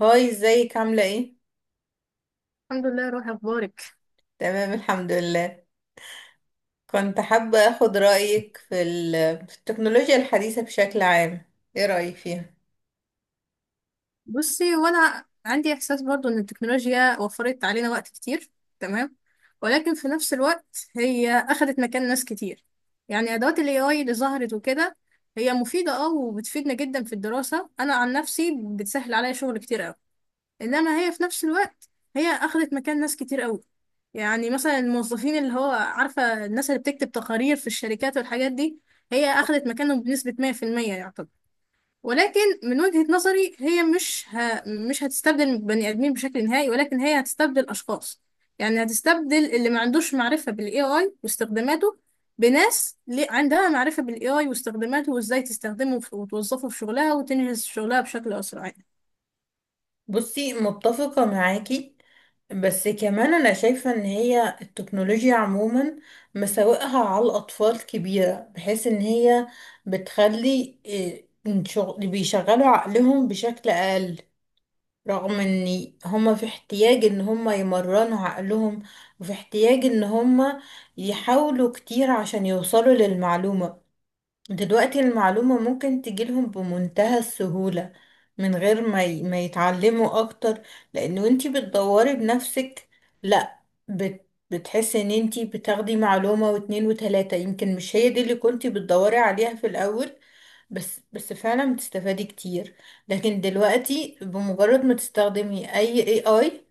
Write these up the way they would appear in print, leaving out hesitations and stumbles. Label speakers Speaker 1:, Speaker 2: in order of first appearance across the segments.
Speaker 1: هاي، ازيك عاملة ايه؟
Speaker 2: الحمد لله. روحي اخبارك؟
Speaker 1: تمام الحمد لله. كنت حابة اخد رأيك في التكنولوجيا الحديثة بشكل عام. ايه رأيك فيها؟
Speaker 2: بصي، وانا عندي احساس برضو ان التكنولوجيا وفرت علينا وقت كتير. تمام. ولكن في نفس الوقت هي اخذت مكان ناس كتير. يعني ادوات الاي اي اللي ظهرت وكده هي مفيده، وبتفيدنا جدا في الدراسه. انا عن نفسي بتسهل عليا شغل كتير قوي. انما هي في نفس الوقت هي اخذت مكان ناس كتير قوي. يعني مثلا الموظفين، اللي هو عارفه، الناس اللي بتكتب تقارير في الشركات والحاجات دي، هي اخذت مكانهم بنسبه 100%، يعتبر. ولكن من وجهة نظري هي مش هتستبدل بني ادمين بشكل نهائي، ولكن هي هتستبدل اشخاص. يعني هتستبدل اللي ما عندوش معرفة بالاي اي واستخداماته بناس ليه عندها معرفة بالاي اي واستخداماته وازاي تستخدمه وتوظفه في شغلها وتنجز شغلها بشكل اسرع يعني.
Speaker 1: بصي، متفقة معاكي. بس كمان انا شايفة ان هي التكنولوجيا عموما مساوئها على الاطفال كبيرة، بحيث ان هي بتخلي إيه، بيشغلوا عقلهم بشكل اقل. رغم ان هما في احتياج ان هما يمرنوا عقلهم، وفي احتياج ان هما يحاولوا كتير عشان يوصلوا للمعلومة. دلوقتي المعلومة ممكن تجيلهم بمنتهى السهولة، من غير ما يتعلموا اكتر. لان انتي بتدوري بنفسك. لا، بتحسي ان انتي بتاخدي معلومة واتنين وتلاتة، يمكن مش هي دي اللي كنتي بتدوري عليها في الاول. بس بس فعلا بتستفادي كتير. لكن دلوقتي بمجرد ما تستخدمي اي اي،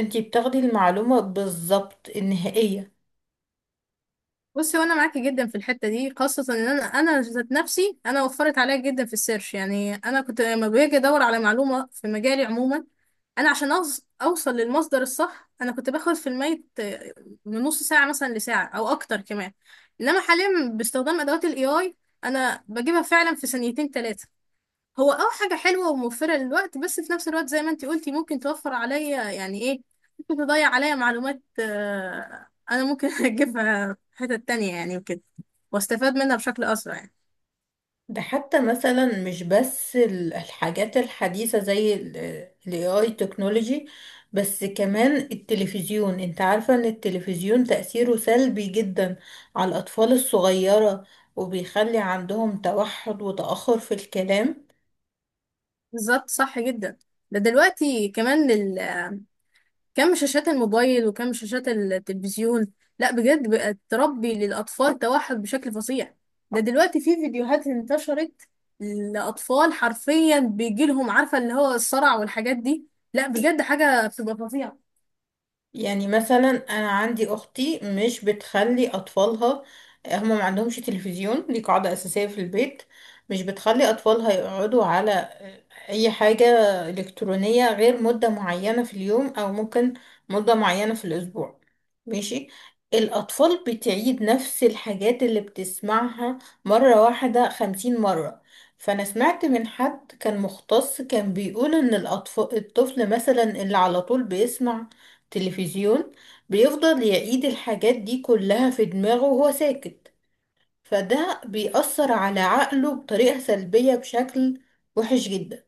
Speaker 1: انتي بتاخدي المعلومة بالظبط النهائية.
Speaker 2: بصي، وانا معاكي جدا في الحته دي، خاصه ان انا ذات نفسي انا وفرت عليا جدا في السيرش يعني. انا كنت لما باجي ادور على معلومه في مجالي عموما، انا عشان اوصل للمصدر الصح، انا كنت باخد في الميت، من نص ساعه مثلا لساعه او اكتر كمان. انما حاليا باستخدام ادوات الاي اي انا بجيبها فعلا في ثانيتين ثلاثه. هو حاجة حلوة وموفرة للوقت، بس في نفس الوقت زي ما انتي قلتي ممكن توفر عليا يعني ايه، ممكن تضيع عليا معلومات، انا ممكن اجيبها في حتة تانية يعني وكده، واستفاد منها بشكل اسرع يعني.
Speaker 1: ده حتى مثلا مش بس الحاجات الحديثة زي الاي اي تكنولوجي. بس كمان التلفزيون، انت عارفة ان التلفزيون تأثيره سلبي جدا على الأطفال الصغيرة، وبيخلي عندهم توحد وتأخر في الكلام.
Speaker 2: بالظبط صح جدا. ده دلوقتي كمان كم شاشات الموبايل وكم شاشات التلفزيون، لا بجد بقت تربي للأطفال توحد بشكل فظيع. ده دلوقتي في فيديوهات انتشرت لأطفال حرفيا بيجيلهم، عارفة، اللي هو الصرع والحاجات دي. لا بجد حاجة بتبقى فظيعة.
Speaker 1: يعني مثلا انا عندي اختي مش بتخلي اطفالها، هما ما عندهمش تلفزيون، دي قاعدة اساسية في البيت. مش بتخلي اطفالها يقعدوا على اي حاجة الكترونية غير مدة معينة في اليوم، او ممكن مدة معينة في الاسبوع. ماشي. الاطفال بتعيد نفس الحاجات اللي بتسمعها مرة واحدة 50 مرة. فانا سمعت من حد كان مختص كان بيقول ان الطفل مثلا اللي على طول بيسمع تلفزيون بيفضل يعيد الحاجات دي كلها في دماغه وهو ساكت، فده بيأثر على عقله بطريقة سلبية بشكل وحش جدا.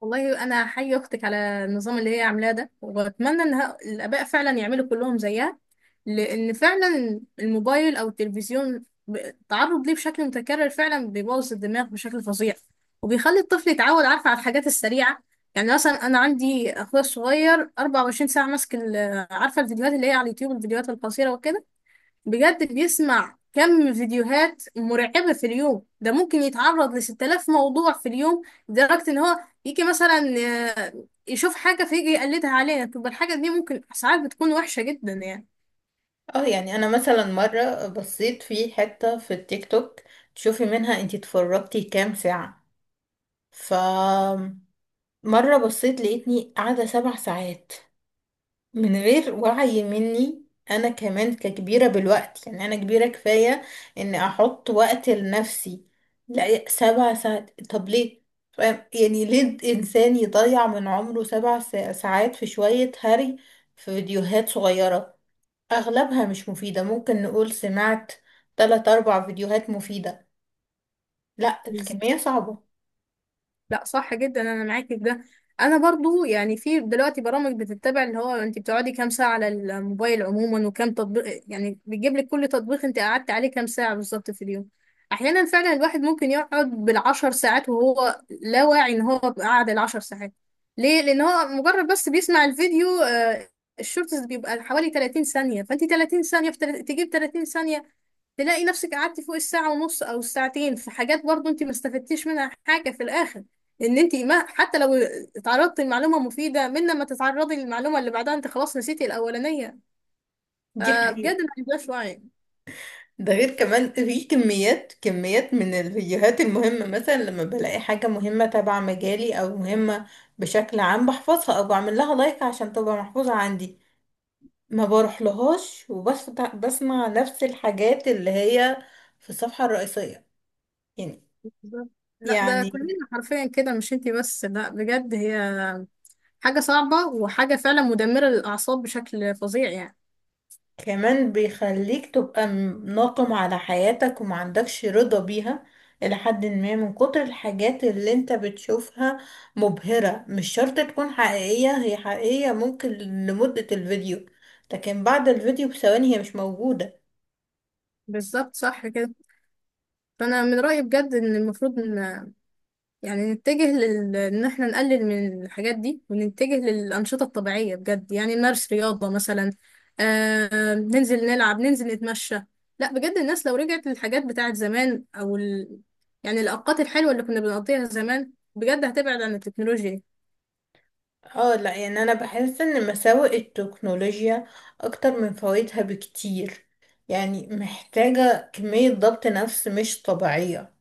Speaker 2: والله أنا حي أختك على النظام اللي هي عاملاه ده، وأتمنى إن الآباء فعلا يعملوا كلهم زيها. لأن فعلا الموبايل أو التلفزيون، التعرض ليه بشكل متكرر فعلا بيبوظ الدماغ بشكل فظيع، وبيخلي الطفل يتعود، عارفة، على الحاجات السريعة. يعني مثلا أنا عندي أخويا الصغير 24 ساعة ماسك عارفة الفيديوهات اللي هي على اليوتيوب، الفيديوهات القصيرة وكده. بجد بيسمع كم فيديوهات مرعبة في اليوم. ده ممكن يتعرض ل 6000 موضوع في اليوم، لدرجة إن هو يجي مثلا، آه، يشوف حاجة فيجي يقلدها علينا، تبقى الحاجة دي ممكن ساعات بتكون وحشة جدا يعني.
Speaker 1: اه، يعني انا مثلا مرة بصيت في حتة في التيك توك. تشوفي منها انتي اتفرجتي كام ساعة. ف مرة بصيت لقيتني قاعدة 7 ساعات من غير وعي مني. انا كمان ككبيرة بالوقت، يعني انا كبيرة كفاية اني احط وقت لنفسي. لا، 7 ساعات، طب ليه؟ فاهم؟ يعني ليه الانسان يضيع من عمره سبع ساعات في شوية هري، في فيديوهات صغيرة اغلبها مش مفيدة. ممكن نقول سمعت تلات اربع فيديوهات مفيدة، لا الكمية صعبة.
Speaker 2: لا صح جدا، انا معاكي في ده. انا برضو يعني في دلوقتي برامج بتتبع اللي هو انت بتقعدي كام ساعه على الموبايل عموما، وكام تطبيق، يعني بتجيب لك كل تطبيق انت قعدت عليه كام ساعه بالظبط في اليوم. احيانا فعلا الواحد ممكن يقعد بالعشر ساعات وهو لا واعي ان هو قعد العشر ساعات. ليه؟ لان هو مجرد بس بيسمع الفيديو، الشورتس بيبقى حوالي 30 ثانيه، فانت 30 ثانيه في تجيب 30 ثانيه تلاقي نفسك قعدتي فوق الساعة ونص أو الساعتين في حاجات برضو أنت ما استفدتيش منها حاجة في الآخر. إن أنت ما، حتى لو اتعرضتي لمعلومة مفيدة، من لما تتعرضي للمعلومة اللي بعدها أنت خلاص نسيتي الأولانية.
Speaker 1: دي
Speaker 2: فبجد
Speaker 1: حقيقة.
Speaker 2: ما عندهاش وعي.
Speaker 1: ده غير كمان في كميات كميات من الفيديوهات المهمة، مثلا لما بلاقي حاجة مهمة تبع مجالي أو مهمة بشكل عام، بحفظها أو بعمل لها لايك عشان تبقى محفوظة عندي. ما بروح لهاش، وبس بسمع نفس الحاجات اللي هي في الصفحة الرئيسية يعني
Speaker 2: بالظبط. لا ده
Speaker 1: يعني
Speaker 2: كلنا حرفيا كده، مش أنت بس. لا بجد هي حاجة صعبة وحاجة فعلا مدمرة للأعصاب بشكل فظيع يعني.
Speaker 1: كمان بيخليك تبقى ناقم على حياتك وما عندكش رضا بيها. إلى حد ما، من كتر الحاجات اللي انت بتشوفها مبهرة. مش شرط تكون حقيقية، هي حقيقية ممكن لمدة الفيديو، لكن بعد الفيديو بثواني هي مش موجودة.
Speaker 2: بالظبط صح كده. فأنا من رأيي بجد إن المفروض إن يعني نتجه ان احنا نقلل من الحاجات دي ونتجه للأنشطة الطبيعية بجد. يعني نمارس رياضة مثلا، ننزل نلعب، ننزل نتمشى. لا بجد الناس لو رجعت للحاجات بتاعت زمان يعني الأوقات الحلوة اللي كنا بنقضيها زمان بجد هتبعد عن التكنولوجيا دي.
Speaker 1: اه، لا، يعني انا بحس ان مساوئ التكنولوجيا اكتر من فوائدها بكتير. يعني محتاجة كمية ضبط نفس مش طبيعية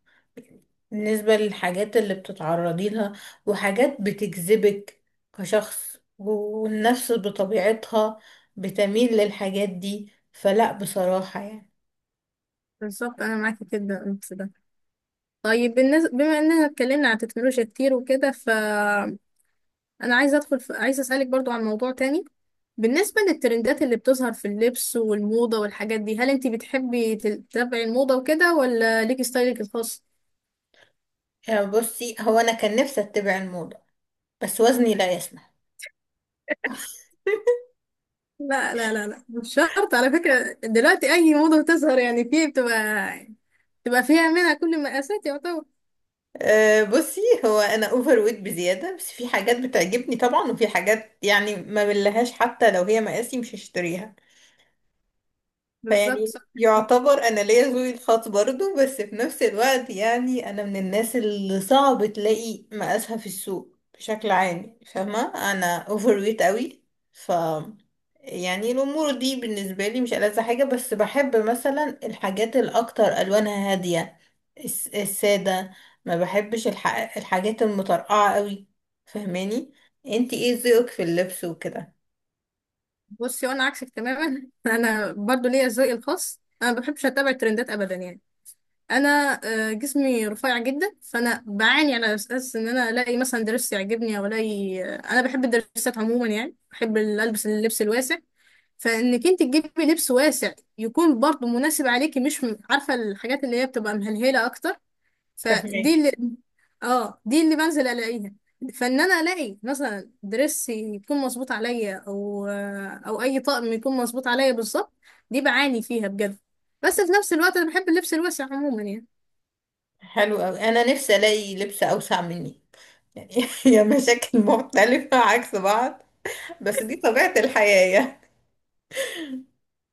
Speaker 1: بالنسبة للحاجات اللي بتتعرضي لها وحاجات بتجذبك كشخص، والنفس بطبيعتها بتميل للحاجات دي. فلا، بصراحة يعني.
Speaker 2: بالظبط انا معاكي كده في ده. طيب، بالنسبة بما اننا اتكلمنا عن التكنولوجيا كتير وكده، ف انا عايزه ادخل في... عايزه اسالك برضو عن موضوع تاني. بالنسبه للترندات اللي بتظهر في اللبس والموضه والحاجات دي، هل انت بتحبي تتابعي الموضه وكده، ولا ليكي ستايلك الخاص؟
Speaker 1: يعني بصي، هو انا كان نفسي اتبع الموضة بس وزني لا يسمح.
Speaker 2: لا لا لا لا، مش شرط. على فكره دلوقتي اي موضه بتظهر، يعني في بتبقى فيها منها كل المقاسات، يعتبر.
Speaker 1: أه، بصي هو انا اوفر ويت بزياده. بس في حاجات بتعجبني طبعا، وفي حاجات يعني ما بلهاش، حتى لو هي مقاسي مش هشتريها.
Speaker 2: بالظبط
Speaker 1: فيعني
Speaker 2: صح.
Speaker 1: يعتبر انا ليا ذوقي الخاص برضو، بس في نفس الوقت يعني انا من الناس اللي صعب تلاقي مقاسها في السوق بشكل عام، فاهمة. انا اوفر ويت قوي. ف يعني الامور دي بالنسبة لي مش ألذ حاجة، بس بحب مثلا الحاجات الاكتر الوانها هادية، السادة. ما بحبش الحاجات المطرقعة قوي، فاهماني. انتي ايه ذوقك في اللبس وكده؟
Speaker 2: بصي، وانا عكسك تماما انا برضو ليا ذوقي الخاص، انا ما بحبش اتابع الترندات ابدا يعني. انا، جسمي رفيع جدا، فانا بعاني على اساس ان انا الاقي مثلا درس يعجبني، او الاقي، انا بحب الدرسات عموما، يعني بحب اللبس الواسع، فانك انت تجيبي لبس واسع يكون برضه مناسب عليكي، مش عارفه الحاجات اللي هي بتبقى مهلهله اكتر، فدي
Speaker 1: فاهماكي.
Speaker 2: اللي اه دي اللي بنزل الاقيها. فان انا الاقي مثلا درس يكون مظبوط عليا، او اي طقم يكون مظبوط عليا بالظبط، دي بعاني فيها بجد. بس في نفس الوقت انا بحب اللبس الواسع عموما يعني.
Speaker 1: حلو قوي، انا نفسي الاقي لبس اوسع مني. يعني هي مشاكل مختلفة عكس بعض، بس دي طبيعة الحياة.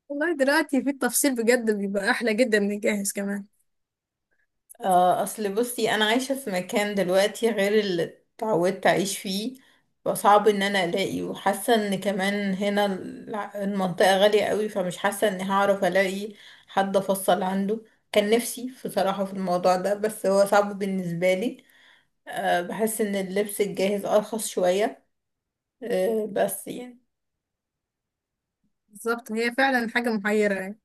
Speaker 2: والله دلوقتي في التفصيل بجد بيبقى احلى جدا من الجاهز كمان.
Speaker 1: آه، أصل بصي أنا عايشة في مكان دلوقتي غير اللي اتعودت أعيش فيه، فصعب إن أنا ألاقي. وحاسة إن كمان هنا المنطقة غالية قوي، فمش حاسة إني هعرف ألاقي حد أفصل عنده. كان نفسي بصراحة في الموضوع ده، بس هو صعب بالنسبة لي. آه، بحس إن اللبس الجاهز أرخص شوية. آه، بس يعني.
Speaker 2: بالظبط، هي فعلا حاجه محيره يعني.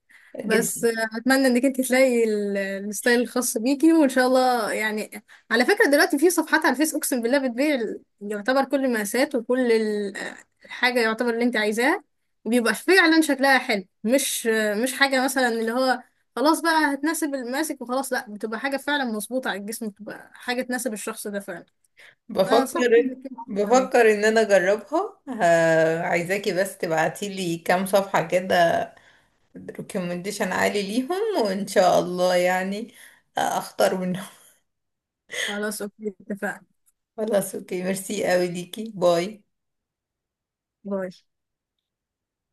Speaker 2: بس،
Speaker 1: جدا.
Speaker 2: اتمنى انك انت تلاقي الستايل الخاص بيكي، وان شاء الله يعني. على فكره دلوقتي في صفحات على الفيس اقسم بالله بتبيع يعتبر كل المقاسات، وكل الحاجه يعتبر اللي انت عايزاها، وبيبقى فعلا شكلها حلو، مش مش حاجه مثلا اللي هو خلاص بقى هتناسب الماسك وخلاص، لا بتبقى حاجه فعلا مظبوطه على الجسم، بتبقى حاجه تناسب الشخص ده فعلا. انا انصحك انك
Speaker 1: بفكر
Speaker 2: انت تتابعي.
Speaker 1: بفكر ان انا اجربها. عايزاكي بس تبعتيلي كام صفحة كده، ريكومنديشن عالي ليهم، وان شاء الله يعني اختار منهم.
Speaker 2: خلاص اوكي، اتفقنا.
Speaker 1: خلاص اوكي، ميرسي قوي ليكي، باي.
Speaker 2: باي.